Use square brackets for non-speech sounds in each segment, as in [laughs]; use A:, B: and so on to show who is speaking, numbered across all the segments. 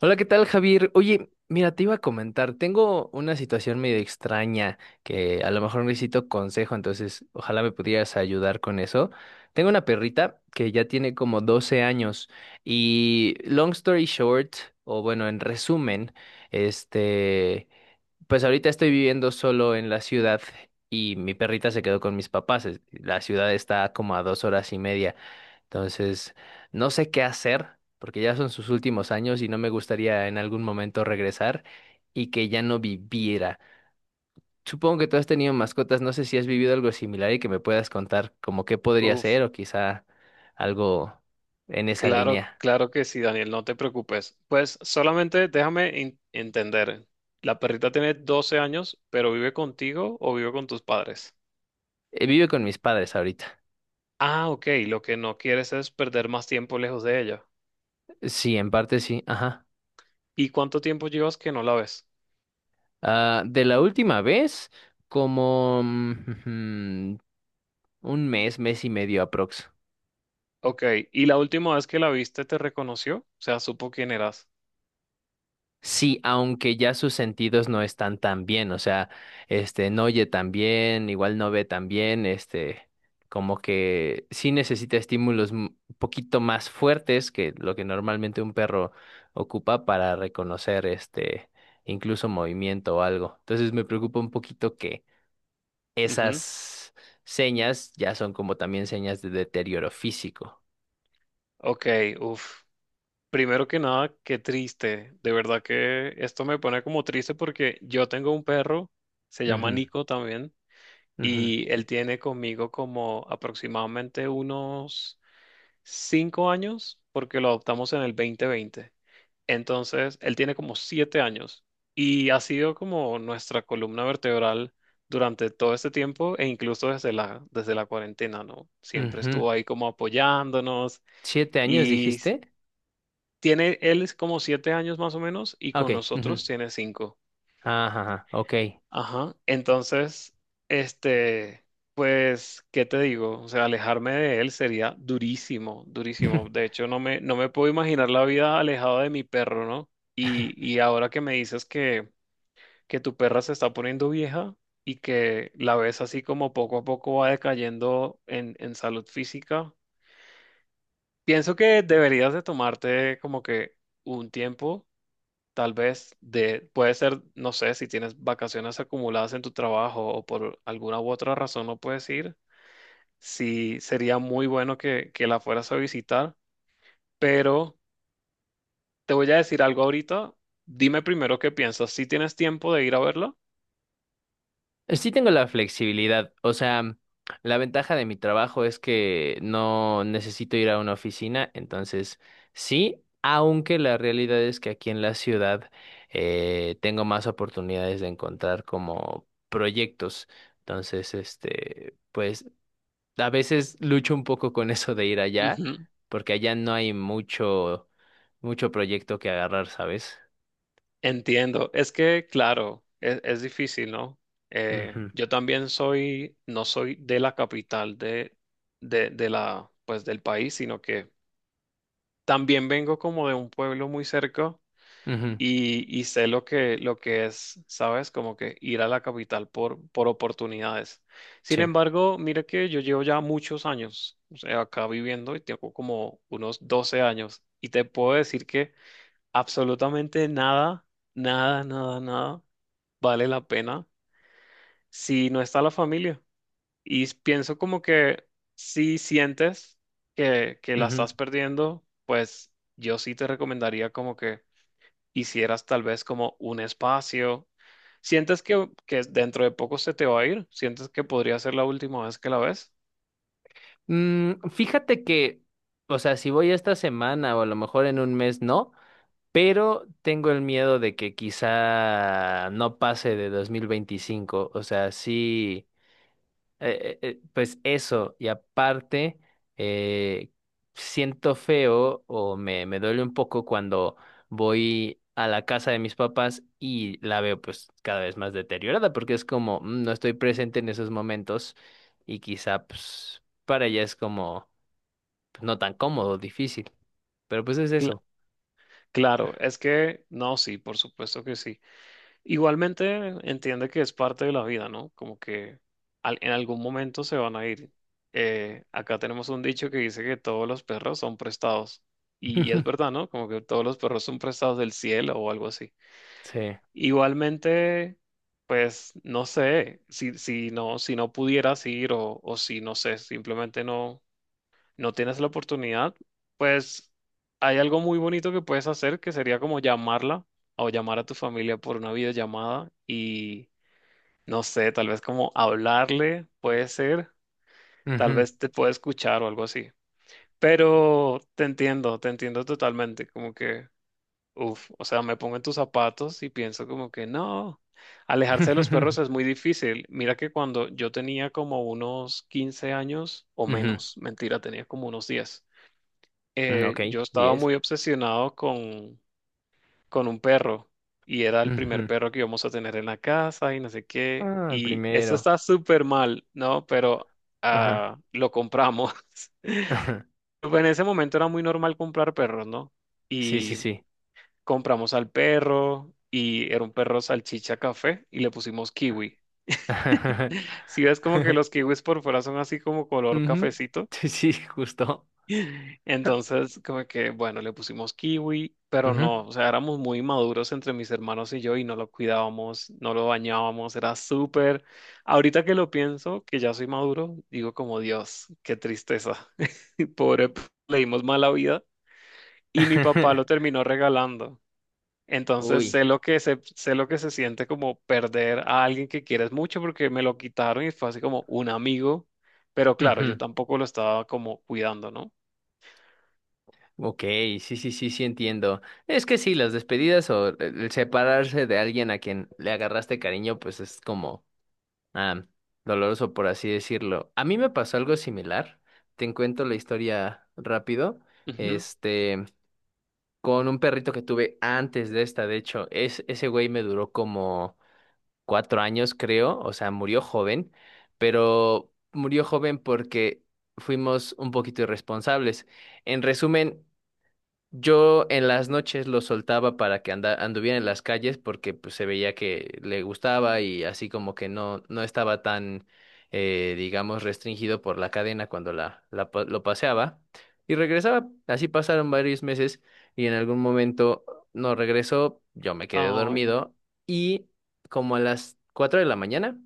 A: Hola, ¿qué tal, Javier? Oye, mira, te iba a comentar, tengo una situación medio extraña que a lo mejor necesito consejo, entonces ojalá me pudieras ayudar con eso. Tengo una perrita que ya tiene como 12 años y long story short, o bueno, en resumen, este, pues ahorita estoy viviendo solo en la ciudad y mi perrita se quedó con mis papás. La ciudad está como a 2 horas y media. Entonces, no sé qué hacer porque ya son sus últimos años y no me gustaría en algún momento regresar y que ya no viviera. Supongo que tú has tenido mascotas. No sé si has vivido algo similar y que me puedas contar como qué podría
B: Uf,
A: ser o quizá algo en esa
B: claro,
A: línea.
B: claro que sí, Daniel, no te preocupes. Pues solamente déjame entender. La perrita tiene 12 años, pero vive contigo o vive con tus padres.
A: Vive con mis padres ahorita.
B: Ah, ok, lo que no quieres es perder más tiempo lejos de ella.
A: Sí, en parte sí. Ajá.
B: ¿Y cuánto tiempo llevas que no la ves?
A: Ah, de la última vez, como [laughs] un mes, mes y medio aprox.
B: Ok, ¿y la última vez que la viste te reconoció? O sea, supo quién eras.
A: Sí, aunque ya sus sentidos no están tan bien, o sea, no oye tan bien, igual no ve tan bien, como que sí necesita estímulos un poquito más fuertes que lo que normalmente un perro ocupa para reconocer, incluso movimiento o algo. Entonces me preocupa un poquito que
B: Ujú.
A: esas señas ya son como también señas de deterioro físico.
B: Ok, uf. Primero que nada, qué triste. De verdad que esto me pone como triste porque yo tengo un perro, se llama
A: Ujú,
B: Nico también.
A: ujú,
B: Y él tiene conmigo como aproximadamente unos 5 años, porque lo adoptamos en el 2020. Entonces, él tiene como 7 años y ha sido como nuestra columna vertebral durante todo este tiempo e incluso desde la cuarentena, ¿no? Siempre
A: ujú.
B: estuvo ahí como apoyándonos.
A: ¿7 años
B: y s-
A: dijiste?
B: Tiene, él es como 7 años más o menos y
A: Ah,
B: con
A: Ok. Ujú.
B: nosotros tiene cinco.
A: Ajá, ajá, ok.
B: Ajá. Entonces, este, pues, ¿qué te digo? O sea, alejarme de él sería durísimo, durísimo. De
A: [laughs]
B: hecho, no me puedo imaginar la vida alejada de mi perro, ¿no? Y ahora que me dices que, tu perra se está poniendo vieja y que la ves así como poco a poco va decayendo en salud física, pienso que deberías de tomarte como que un tiempo. Tal vez puede ser, no sé, si tienes vacaciones acumuladas en tu trabajo o por alguna u otra razón no puedes ir, sí sería muy bueno que la fueras a visitar, pero te voy a decir algo ahorita. Dime primero qué piensas, ¿si tienes tiempo de ir a verla?
A: Sí tengo la flexibilidad. O sea, la ventaja de mi trabajo es que no necesito ir a una oficina. Entonces, sí, aunque la realidad es que aquí en la ciudad tengo más oportunidades de encontrar como proyectos. Entonces, pues a veces lucho un poco con eso de ir allá,
B: Ujú.
A: porque allá no hay mucho proyecto que agarrar, ¿sabes?
B: Entiendo, es que claro, es difícil, ¿no?
A: Ujú,
B: Yo también soy, no soy de la capital de la, pues del país, sino que también vengo como de un pueblo muy cerca
A: ujú,
B: y sé lo que, es, ¿sabes? Como que ir a la capital por oportunidades. Sin
A: sí.
B: embargo, mira que yo llevo ya muchos años, o sea, acá viviendo y tengo como unos 12 años y te puedo decir que absolutamente nada, nada, nada, nada vale la pena si no está la familia. Y pienso como que si sientes que, la
A: Ujú.
B: estás perdiendo, pues yo sí te recomendaría como que hicieras tal vez como un espacio. ¿Sientes que dentro de poco se te va a ir? ¿Sientes que podría ser la última vez que la ves?
A: Fíjate que, o sea, si voy esta semana o a lo mejor en 1 mes, no, pero tengo el miedo de que quizá no pase de 2025, o sea, sí. Pues eso, y aparte, eh, siento feo o me duele un poco cuando voy a la casa de mis papás y la veo pues cada vez más deteriorada, porque es como, No estoy presente en esos momentos y quizá pues para ella es como pues, no tan cómodo, difícil, pero pues es
B: Cl-
A: eso."
B: claro, es que no, sí, por supuesto que sí. Igualmente entiende que es parte de la vida, ¿no? Como que en algún momento se van a ir. Acá tenemos un dicho que dice que todos los perros son prestados. Y es verdad,
A: [laughs]
B: ¿no? Como que todos los perros son prestados del cielo o algo así.
A: Sí.
B: Igualmente, pues no sé, si no pudieras ir o si no sé, simplemente no tienes la oportunidad, pues hay algo muy bonito que puedes hacer que sería como llamarla o llamar a tu familia por una videollamada y no sé, tal vez como hablarle, puede ser, tal
A: Ujú.
B: vez te puede escuchar o algo así. Pero te entiendo totalmente, como que uf, o sea, me pongo en tus zapatos y pienso como que no, alejarse de los perros es muy
A: [laughs]
B: difícil. Mira que cuando yo tenía como unos 15 años o
A: Ujú.
B: menos, mentira, tenía como unos 10,
A: Mm, Ok,
B: yo estaba
A: 10.
B: muy obsesionado con, un perro y era el primer
A: Ujú.
B: perro que íbamos a tener en la casa y no sé qué.
A: Ah, el
B: Y esto
A: primero.
B: está súper mal, ¿no? Pero ah, lo compramos. [laughs]
A: Ajá.
B: Pues en ese momento era muy normal comprar perros, ¿no?
A: [laughs] Sí, sí,
B: Y
A: sí.
B: compramos al perro y era un perro salchicha café y le pusimos kiwi.
A: [laughs]
B: Si ves como que
A: Ujú.
B: los kiwis por fuera son así como color cafecito,
A: Sí, sí, justo.
B: entonces como que, bueno, le pusimos kiwi, pero
A: Ujú.
B: no, o sea, éramos muy maduros entre mis hermanos y yo y no lo cuidábamos, no lo bañábamos, era súper... Ahorita que lo pienso, que ya soy maduro, digo como Dios, qué tristeza. [laughs] Pobre, le dimos mala vida y mi papá lo
A: [laughs]
B: terminó regalando. Entonces
A: Uy.
B: sé lo que se siente como perder a alguien que quieres mucho porque me lo quitaron y fue así como un amigo, pero claro, yo
A: Ujú.
B: tampoco lo estaba como cuidando, ¿no?
A: Ok, sí, sí, sí, sí entiendo. Es que sí, las despedidas o el separarse de alguien a quien le agarraste cariño, pues es como ah, doloroso, por así decirlo. A mí me pasó algo similar. Te cuento la historia rápido.
B: Ujú.
A: Este, con un perrito que tuve antes de esta, de hecho, ese güey me duró como 4 años, creo, o sea, murió joven, pero murió joven porque fuimos un poquito irresponsables. En resumen, yo en las noches lo soltaba para que anduviera en las calles porque pues, se veía que le gustaba y así como que no, no estaba tan, digamos, restringido por la cadena cuando lo paseaba. Y regresaba, así pasaron varios meses y en algún momento no regresó, yo me quedé
B: Ay.
A: dormido y como a las 4 de la mañana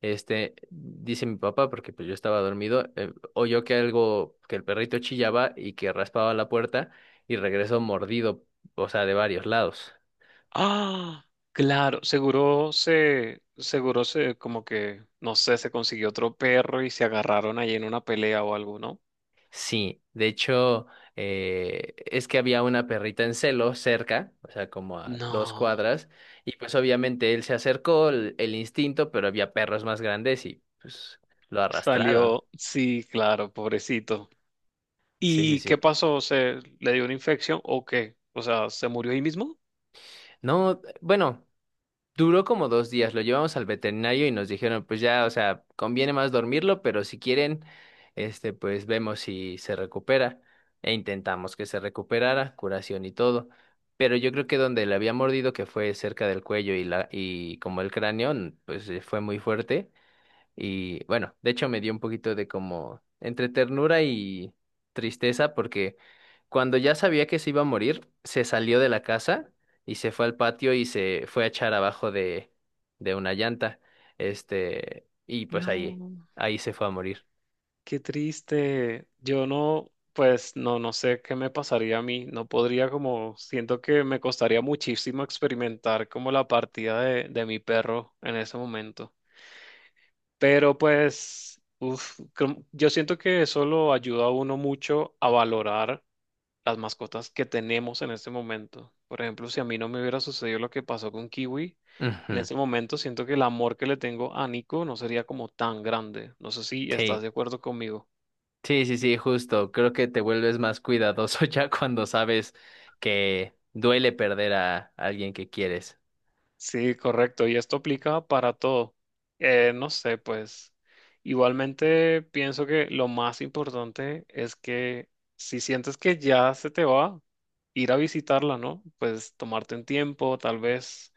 A: dice mi papá, porque pues yo estaba dormido, oyó que el perrito chillaba y que raspaba la puerta y regresó mordido, o sea, de varios lados.
B: Ah, claro, seguro se, como que, no sé, se consiguió otro perro y se agarraron ahí en una pelea o algo, ¿no?
A: Sí, de hecho, es que había una perrita en celo cerca, o sea, como a dos
B: No,
A: cuadras, y pues obviamente él se acercó, el instinto, pero había perros más grandes y pues lo arrastraron.
B: salió, sí, claro, pobrecito.
A: Sí, sí,
B: ¿Y
A: sí.
B: qué pasó? ¿Se le dio una infección o qué? O sea, ¿se murió ahí mismo?
A: No, bueno. Duró como 2 días, lo llevamos al veterinario y nos dijeron, pues ya, o sea, conviene más dormirlo, pero si quieren, pues vemos si se recupera. E intentamos que se recuperara, curación y todo. Pero yo creo que donde le había mordido, que fue cerca del cuello y y como el cráneo, pues fue muy fuerte. Y bueno, de hecho me dio un poquito de como entre ternura y tristeza porque cuando ya sabía que se iba a morir, se salió de la casa y se fue al patio y se fue a echar abajo de una llanta. Y pues
B: No.
A: ahí se fue a morir.
B: Qué triste. Yo no, pues no sé qué me pasaría a mí. No podría como, siento que me costaría muchísimo experimentar como la partida de mi perro en ese momento. Pero pues, uf, yo siento que eso lo ayuda a uno mucho a valorar las mascotas que tenemos en ese momento. Por ejemplo, si a mí no me hubiera sucedido lo que pasó con Kiwi, en
A: Ujú.
B: ese momento siento que el amor que le tengo a Nico no sería como tan grande. No sé si estás
A: Sí,
B: de acuerdo conmigo.
A: sí, sí, sí, justo. Creo que te vuelves más cuidadoso [laughs] ya cuando sabes que duele perder a alguien que quieres.
B: Sí, correcto. Y esto aplica para todo. No sé, pues igualmente pienso que lo más importante es que si sientes que ya se te va, ir a visitarla, ¿no? Pues tomarte un tiempo, tal vez,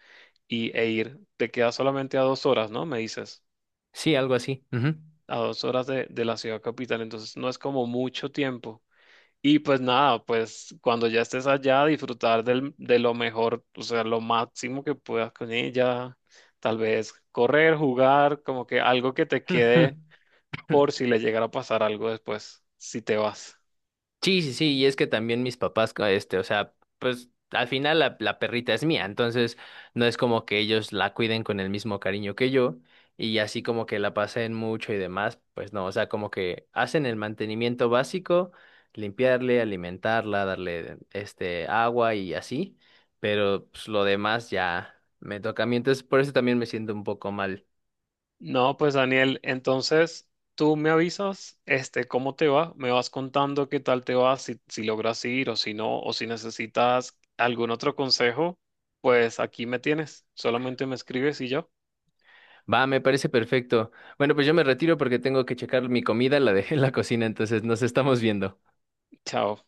B: e ir. Te queda solamente a 2 horas, ¿no? Me dices,
A: Sí, algo así.
B: a 2 horas de la ciudad capital. Entonces no es como mucho tiempo. Y pues nada, pues cuando ya estés allá, disfrutar de lo mejor, o sea, lo máximo que puedas con ella, tal vez correr, jugar, como que algo que te
A: Ujú.
B: quede
A: [laughs]
B: por si le llegara a pasar algo después, si te vas.
A: Sí, sí, sí, y es que también mis papás, o sea, pues al final la perrita es mía, entonces no es como que ellos la cuiden con el mismo cariño que yo y así como que la pasen mucho y demás, pues no, o sea, como que hacen el mantenimiento básico, limpiarle, alimentarla, darle agua y así, pero pues, lo demás ya me toca a mí, entonces por eso también me siento un poco mal.
B: No, pues Daniel, entonces tú me avisas, este, cómo te va, me vas contando qué tal te va, si, logras ir o si no, o si necesitas algún otro consejo, pues aquí me tienes, solamente me escribes y yo,
A: Va, me parece perfecto. Bueno, pues yo me retiro porque tengo que checar mi comida, la dejé en la cocina, entonces nos estamos viendo.
B: chao.